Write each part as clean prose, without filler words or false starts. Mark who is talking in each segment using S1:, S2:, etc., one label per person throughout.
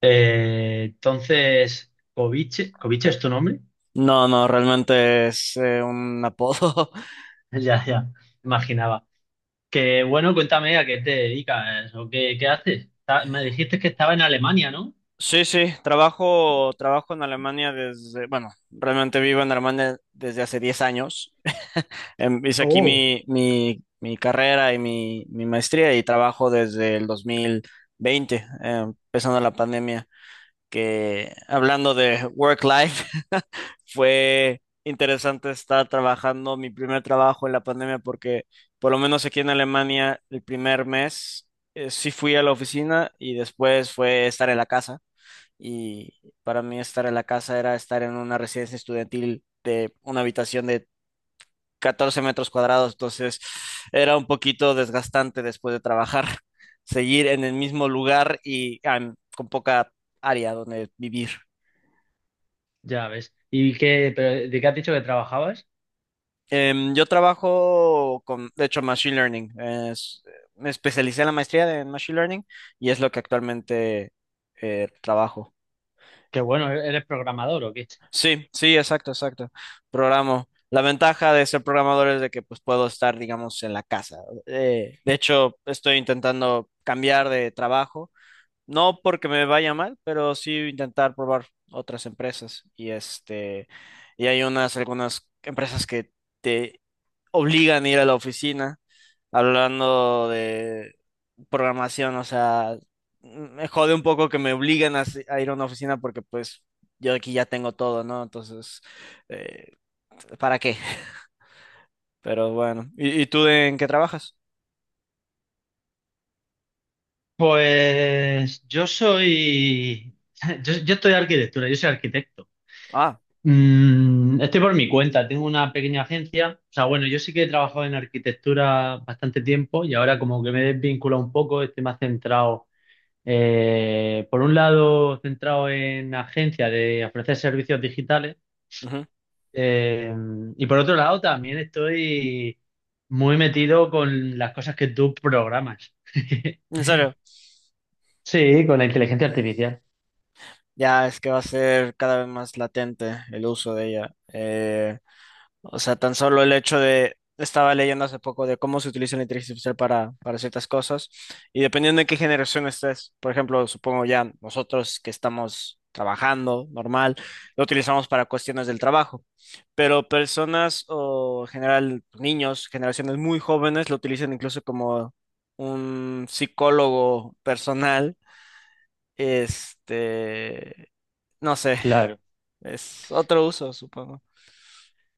S1: Entonces, Kovic, ¿Kovic es tu nombre?
S2: No, no, realmente es un apodo.
S1: Ya, ya, imaginaba. Que bueno, cuéntame a qué te dedicas o qué haces. Me dijiste que estaba en Alemania, ¿no?
S2: Sí, sí, trabajo en Alemania desde, bueno, realmente vivo en Alemania desde hace 10 años. Hice aquí
S1: Oh.
S2: mi carrera y mi maestría y trabajo desde el 2020, empezando la pandemia, que hablando de work-life, fue interesante estar trabajando mi primer trabajo en la pandemia porque por lo menos aquí en Alemania el primer mes sí fui a la oficina y después fue estar en la casa y para mí estar en la casa era estar en una residencia estudiantil de una habitación de 14 metros cuadrados, entonces era un poquito desgastante después de trabajar, seguir en el mismo lugar y con poca área donde vivir.
S1: Ya ves. ¿Y qué, pero de qué has dicho que trabajabas?
S2: Yo trabajo con, de hecho, Machine Learning. Me especialicé en la maestría en Machine Learning y es lo que actualmente trabajo.
S1: Que bueno, ¿eres programador o qué?
S2: Sí, sí, exacto, exacto. Programo. La ventaja de ser programador es de que pues puedo estar, digamos, en la casa. De hecho, estoy intentando cambiar de trabajo. No porque me vaya mal, pero sí intentar probar otras empresas. Y este, y hay unas, algunas empresas que te obligan a ir a la oficina hablando de programación, o sea, me jode un poco que me obligan a, a ir a una oficina porque pues yo aquí ya tengo todo, ¿no? Entonces, eh, ¿para qué? Pero bueno, y tú en qué trabajas?
S1: Pues yo soy, yo estoy arquitectura, yo soy arquitecto.
S2: Ah,
S1: Estoy por mi cuenta, tengo una pequeña agencia. O sea, bueno, yo sí que he trabajado en arquitectura bastante tiempo y ahora como que me he desvinculado un poco, estoy más centrado, por un lado, centrado en agencia de ofrecer servicios digitales,
S2: ujú.
S1: eh, y por otro lado también estoy muy metido con las cosas que tú programas.
S2: En serio,
S1: Sí, con la inteligencia artificial,
S2: ya es que va a ser cada vez más latente el uso de ella. O sea, tan solo el hecho de, estaba leyendo hace poco de cómo se utiliza la inteligencia artificial para ciertas cosas y dependiendo de qué generación estés, por ejemplo, supongo ya nosotros que estamos trabajando normal, lo utilizamos para cuestiones del trabajo, pero personas o en general niños, generaciones muy jóvenes lo utilizan incluso como un psicólogo personal, este, no sé,
S1: claro.
S2: es otro uso, supongo.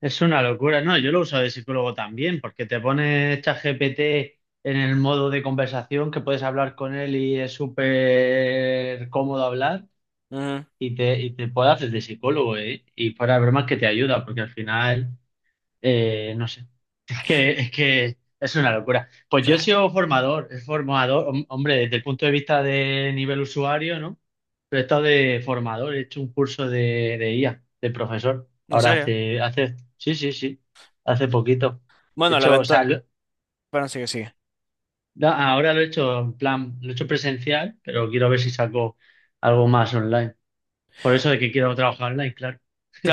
S1: Es una locura, no, yo lo uso de psicólogo también, porque te pones ChatGPT en el modo de conversación que puedes hablar con él y es súper cómodo hablar,
S2: Ujú,
S1: y te puede hacer de psicólogo, ¿eh? Y fuera de bromas que te ayuda, porque al final, no sé. Es que es una locura. Pues
S2: sí,
S1: yo he sido formador, es formador, hombre, desde el punto de vista de nivel usuario, ¿no? Pero he estado de formador, he hecho un curso de IA, de profesor.
S2: en
S1: Ahora
S2: serio.
S1: hace, sí, sí, sí, hace poquito. He
S2: Bueno, la
S1: hecho, o sea,
S2: venta Bueno, sigue, sigue.
S1: ahora lo he hecho en plan, lo he hecho presencial, pero quiero ver si saco algo más online. Por eso de que quiero trabajar online, claro.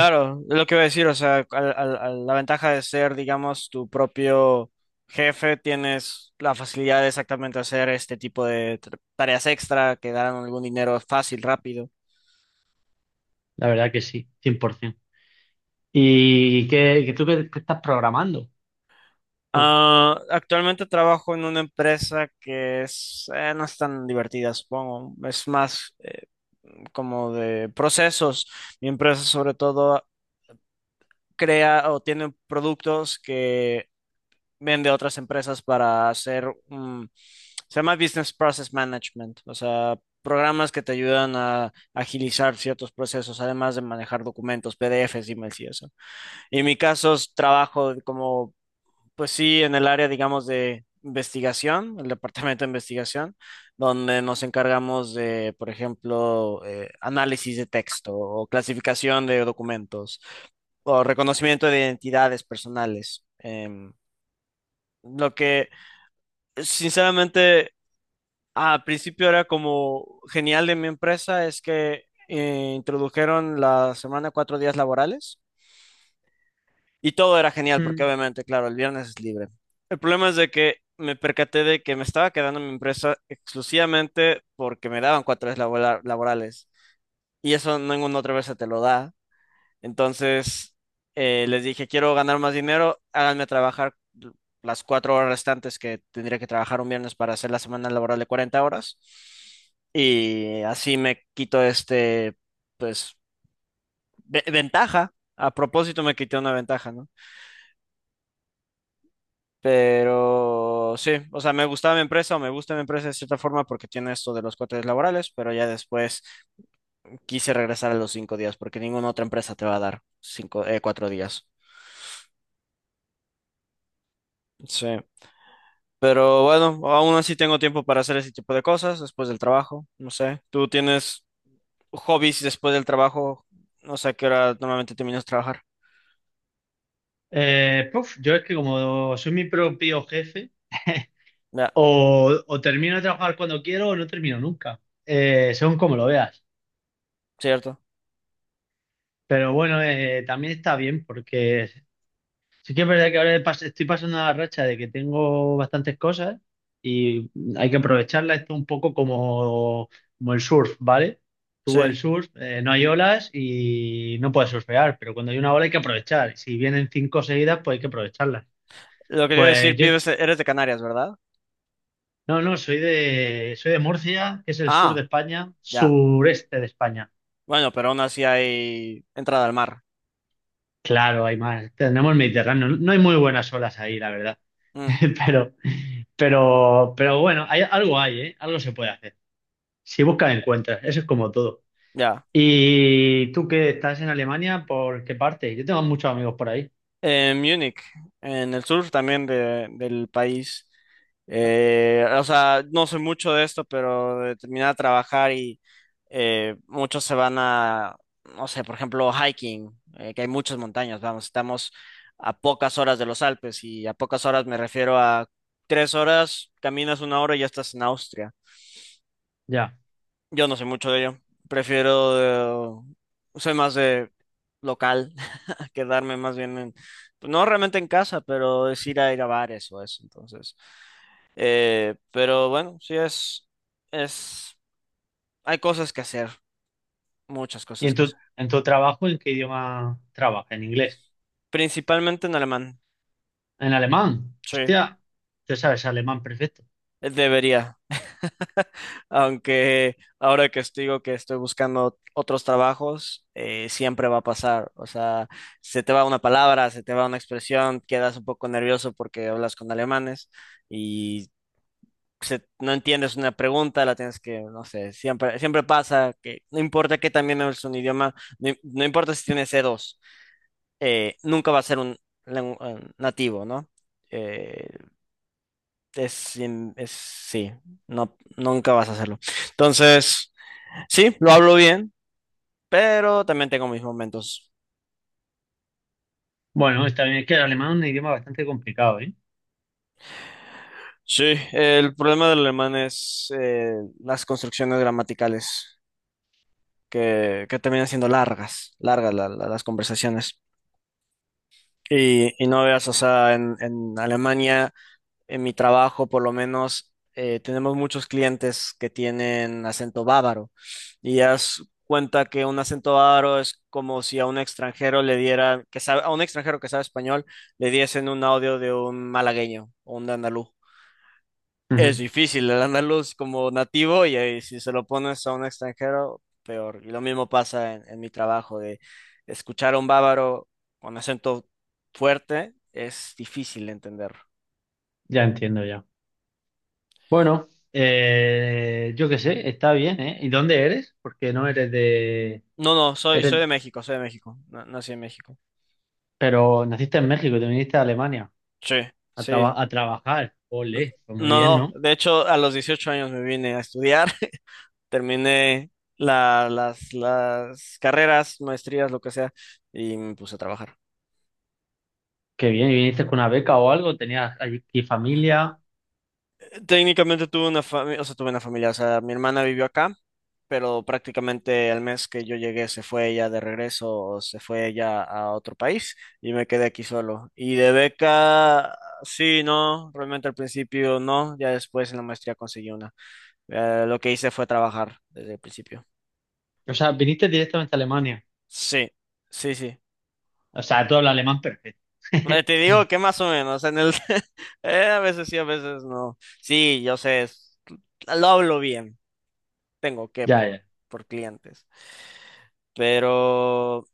S2: es lo que iba a decir, o sea, la ventaja de ser, digamos, tu propio jefe, tienes la facilidad de exactamente hacer este tipo de tareas extra que darán algún dinero fácil, rápido.
S1: La verdad que sí, 100%. ¿Y qué, qué tú qué qué estás programando? Con-
S2: Ah, actualmente trabajo en una empresa que es, no es tan divertida, supongo, es más como de procesos. Mi empresa sobre todo crea o tiene productos que vienen de otras empresas para hacer, se llama Business Process Management, o sea, programas que te ayudan a agilizar ciertos procesos, además de manejar documentos, PDFs, emails y eso. Y en mi caso, es trabajo como, pues sí, en el área, digamos, de investigación, el departamento de investigación, donde nos encargamos de, por ejemplo, análisis de texto o clasificación de documentos o reconocimiento de identidades personales. Em, lo que Sinceramente, al principio era como genial de mi empresa, es que introdujeron la semana 4 días laborales y todo era genial porque
S1: mm.
S2: obviamente, claro, el viernes es libre. El problema es de que me percaté de que me estaba quedando en mi empresa exclusivamente porque me daban 4 días laborales y eso ninguna otra vez se te lo da. Entonces, les dije, quiero ganar más dinero, háganme trabajar las 4 horas restantes que tendría que trabajar un viernes para hacer la semana laboral de 40 horas. Y así me quito este, pues, ventaja. A propósito, me quité una ventaja, ¿no? Pero sí, o sea, me gustaba mi empresa o me gusta mi empresa de cierta forma porque tiene esto de los 4 días laborales, pero ya después quise regresar a los 5 días porque ninguna otra empresa te va a dar 5, 4 días. Sí. Pero bueno, aún así tengo tiempo para hacer ese tipo de cosas después del trabajo. No sé, ¿tú tienes hobbies después del trabajo? No sé a qué hora normalmente terminas de trabajar.
S1: Puf, yo es que como soy mi propio jefe,
S2: Ya,
S1: o termino de trabajar cuando quiero o no termino nunca. Según como lo veas.
S2: cierto.
S1: Pero bueno, también está bien porque sí que es verdad que ahora estoy pasando la racha de que tengo bastantes cosas y hay que aprovecharla. Esto un poco como, como el surf, ¿vale? Tú el
S2: Sí.
S1: surf, no hay olas y no puedes surfear, pero cuando hay una ola hay que aprovechar. Si vienen cinco seguidas, pues hay que aprovecharlas.
S2: Lo que quiero decir,
S1: Pues yo
S2: vives, eres de Canarias, ¿verdad?
S1: no, no, soy de Murcia, que es el sur
S2: Ah,
S1: de España,
S2: ya.
S1: sureste de España.
S2: Bueno, pero aún así hay entrada al mar.
S1: Claro, hay más. Tenemos Mediterráneo. No hay muy buenas olas ahí, la verdad.
S2: Mm,
S1: Pero, pero bueno, hay, algo hay, ¿eh? Algo se puede hacer. Si buscas, encuentras. Eso es como todo.
S2: ya.
S1: ¿Y tú que estás en Alemania, por qué parte? Yo tengo muchos amigos por ahí.
S2: En Múnich, en el sur también del país. O sea, no sé mucho de esto, pero de terminar a trabajar y muchos se van a, no sé, por ejemplo, hiking, que hay muchas montañas, vamos, estamos a pocas horas de los Alpes y a pocas horas me refiero a 3 horas, caminas una hora y ya estás en Austria.
S1: Ya.
S2: Yo no sé mucho de ello, prefiero, soy más de local quedarme más bien en, pues, no realmente en casa, pero es ir a ir a bares o eso, entonces. Pero bueno, es, hay cosas que hacer, muchas
S1: ¿Y
S2: cosas que hacer.
S1: en tu trabajo, en qué idioma trabajas? ¿En inglés?
S2: Principalmente en alemán,
S1: ¿En alemán?
S2: sí,
S1: Hostia, tú sabes alemán perfecto.
S2: debería. Aunque ahora que estoy, digo que estoy buscando otros trabajos, siempre va a pasar. O sea, se te va una palabra, se te va una expresión, quedas un poco nervioso porque hablas con alemanes y no entiendes una pregunta, la tienes que, no sé, siempre, siempre pasa que no importa que también es un idioma, no, no importa si tienes C2 nunca va a ser un, nativo, ¿no? Eh, sí, no, nunca vas a hacerlo. Entonces, sí, lo hablo bien, pero también tengo mis momentos.
S1: Bueno, está bien, es que el alemán es un idioma bastante complicado, ¿eh?
S2: Sí, el problema del alemán es las construcciones gramaticales que terminan siendo largas, largas las conversaciones. Y no veas, o sea, en Alemania, en mi trabajo por lo menos, tenemos muchos clientes que tienen acento bávaro. Y haz cuenta que un acento bávaro es como si a un extranjero le diera, que sabe, a un extranjero que sabe español, le diesen un audio de un malagueño o un andaluz. Es
S1: Ujú.
S2: difícil el andaluz como nativo y, ahí si se lo pones a un extranjero, peor. Y lo mismo pasa en mi trabajo de escuchar a un bávaro con acento fuerte es difícil de entenderlo.
S1: Ya entiendo ya. Bueno, yo qué sé, está bien, ¿eh? ¿Y dónde eres? Porque no eres de...
S2: No, no,
S1: Eres...
S2: soy de México, nací en México.
S1: Pero naciste en México y te viniste a Alemania
S2: Sí,
S1: a,
S2: sí.
S1: a trabajar. Ole, pues muy
S2: No,
S1: bien,
S2: no,
S1: ¿no?
S2: de hecho a los 18 años me vine a estudiar, terminé las carreras, maestrías, lo que sea, y me puse a trabajar.
S1: Qué bien, ¿y viniste con una beca o algo? ¿Tenías aquí familia?
S2: Técnicamente tuve una familia, o sea, tuve una familia, o sea, mi hermana vivió acá. Pero prácticamente el mes que yo llegué se fue ella de regreso, o se fue ella a otro país y me quedé aquí solo. Y de beca, sí, no, realmente al principio no, ya después en la maestría conseguí una. Lo que hice fue trabajar desde el principio.
S1: O sea, viniste directamente a Alemania.
S2: Sí, sí, sí.
S1: O sea, tú hablas alemán perfecto.
S2: Te digo que más o menos, en el a veces sí, a veces no. Sí, yo sé, lo hablo bien, tengo que
S1: Ya, ya.
S2: por clientes. Pero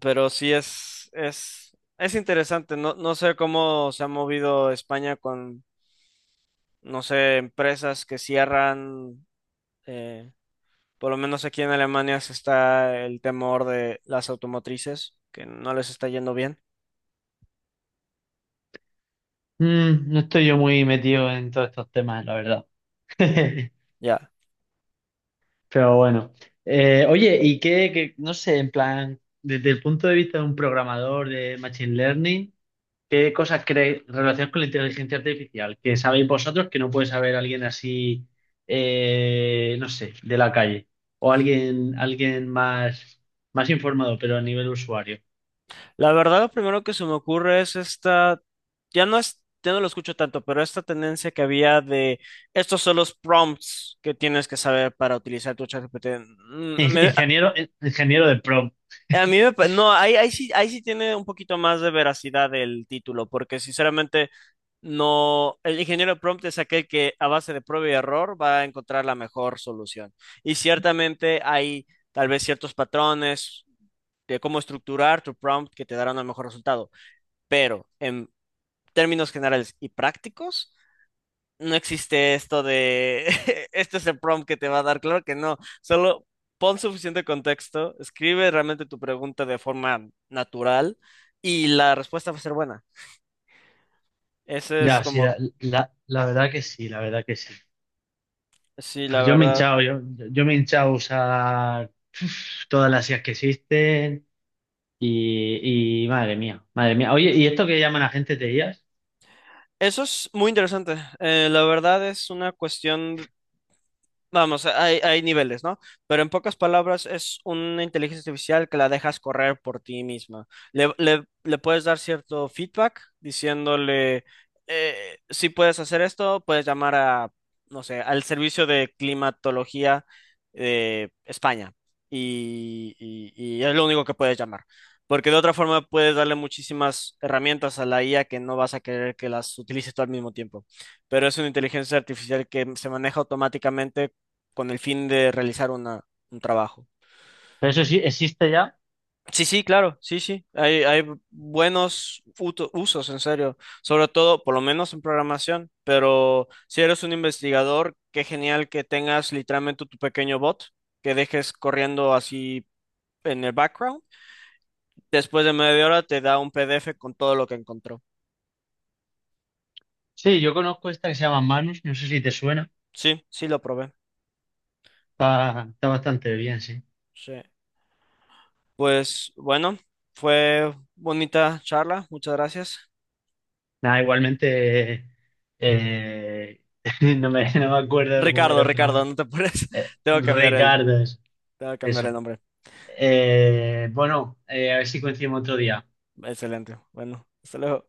S2: pero sí es interesante. No, no sé cómo se ha movido España con, no sé, empresas que cierran. eh, por lo menos aquí en Alemania se está el temor de las automotrices, que no les está yendo bien.
S1: Mm, no estoy yo muy metido en todos estos temas, la verdad.
S2: Ya.
S1: Pero bueno. Oye, no sé, en plan, desde el punto de vista de un programador de Machine Learning, ¿qué cosas creéis relacionadas con la inteligencia artificial que sabéis vosotros que no puede saber alguien así, no sé, de la calle? O alguien, alguien más, más informado, pero a nivel usuario.
S2: La verdad, lo primero que se me ocurre es esta, ya no es, ya no lo escucho tanto, pero esta tendencia que había de estos son los prompts que tienes que saber para utilizar tu ChatGPT. Mm, me-
S1: Ingeniero, ingeniero de prom.
S2: A mí me no, ahí, ahí sí tiene un poquito más de veracidad el título, porque sinceramente no, el ingeniero prompt es aquel que a base de prueba y error va a encontrar la mejor solución. Y ciertamente hay tal vez ciertos patrones de cómo estructurar tu prompt que te darán un mejor resultado, pero en términos generales y prácticos no existe esto de, este es el prompt que te va a dar, claro que no, solo pon suficiente contexto, escribe realmente tu pregunta de forma natural y la respuesta va a ser buena. Ese es
S1: Ya, sí,
S2: como,
S1: la verdad que sí, la verdad que sí.
S2: sí, la
S1: Pues yo me he
S2: verdad.
S1: hinchado, yo me he hinchado a usar, uf, todas las IAs que existen. Y madre mía, madre mía. Oye, ¿y esto que llaman agentes de IAS?
S2: Eso es muy interesante. La verdad es una cuestión. Vamos, hay niveles, ¿no? Pero en pocas palabras, es una inteligencia artificial que la dejas correr por ti misma. Le puedes dar cierto feedback diciéndole, si puedes hacer esto, puedes llamar a, no sé, al servicio de climatología de España. Y, y- y es lo único que puedes llamar. Porque de otra forma puedes darle muchísimas herramientas a la IA que no vas a querer que las utilices tú al mismo tiempo pero es una inteligencia artificial que se maneja automáticamente con el fin de realizar una, un trabajo.
S1: ¿Pero eso sí existe ya?
S2: Sí, sí, claro, sí, sí. Hay buenos usos, en serio. Sobre todo, por lo menos en programación. Pero si eres un investigador, qué genial que tengas literalmente tu pequeño bot que dejes corriendo así en el background. Después de media hora te da un PDF con todo lo que encontró.
S1: Sí, yo conozco esta que se llama Manus, no sé si te suena.
S2: Sí, sí, lo probé.
S1: Está, está bastante bien, sí.
S2: Sí. Pues bueno, fue bonita charla. Muchas gracias.
S1: Nada, igualmente, eh, no me, no me acuerdo cómo
S2: Ricardo,
S1: era tu
S2: Ricardo,
S1: nombre.
S2: no te apures. Tengo que cambiar él.
S1: Ricardo, eso.
S2: Tengo que cambiar el
S1: Eso.
S2: nombre.
S1: Bueno, a ver si coincidimos otro día.
S2: Excelente. Bueno, hasta luego.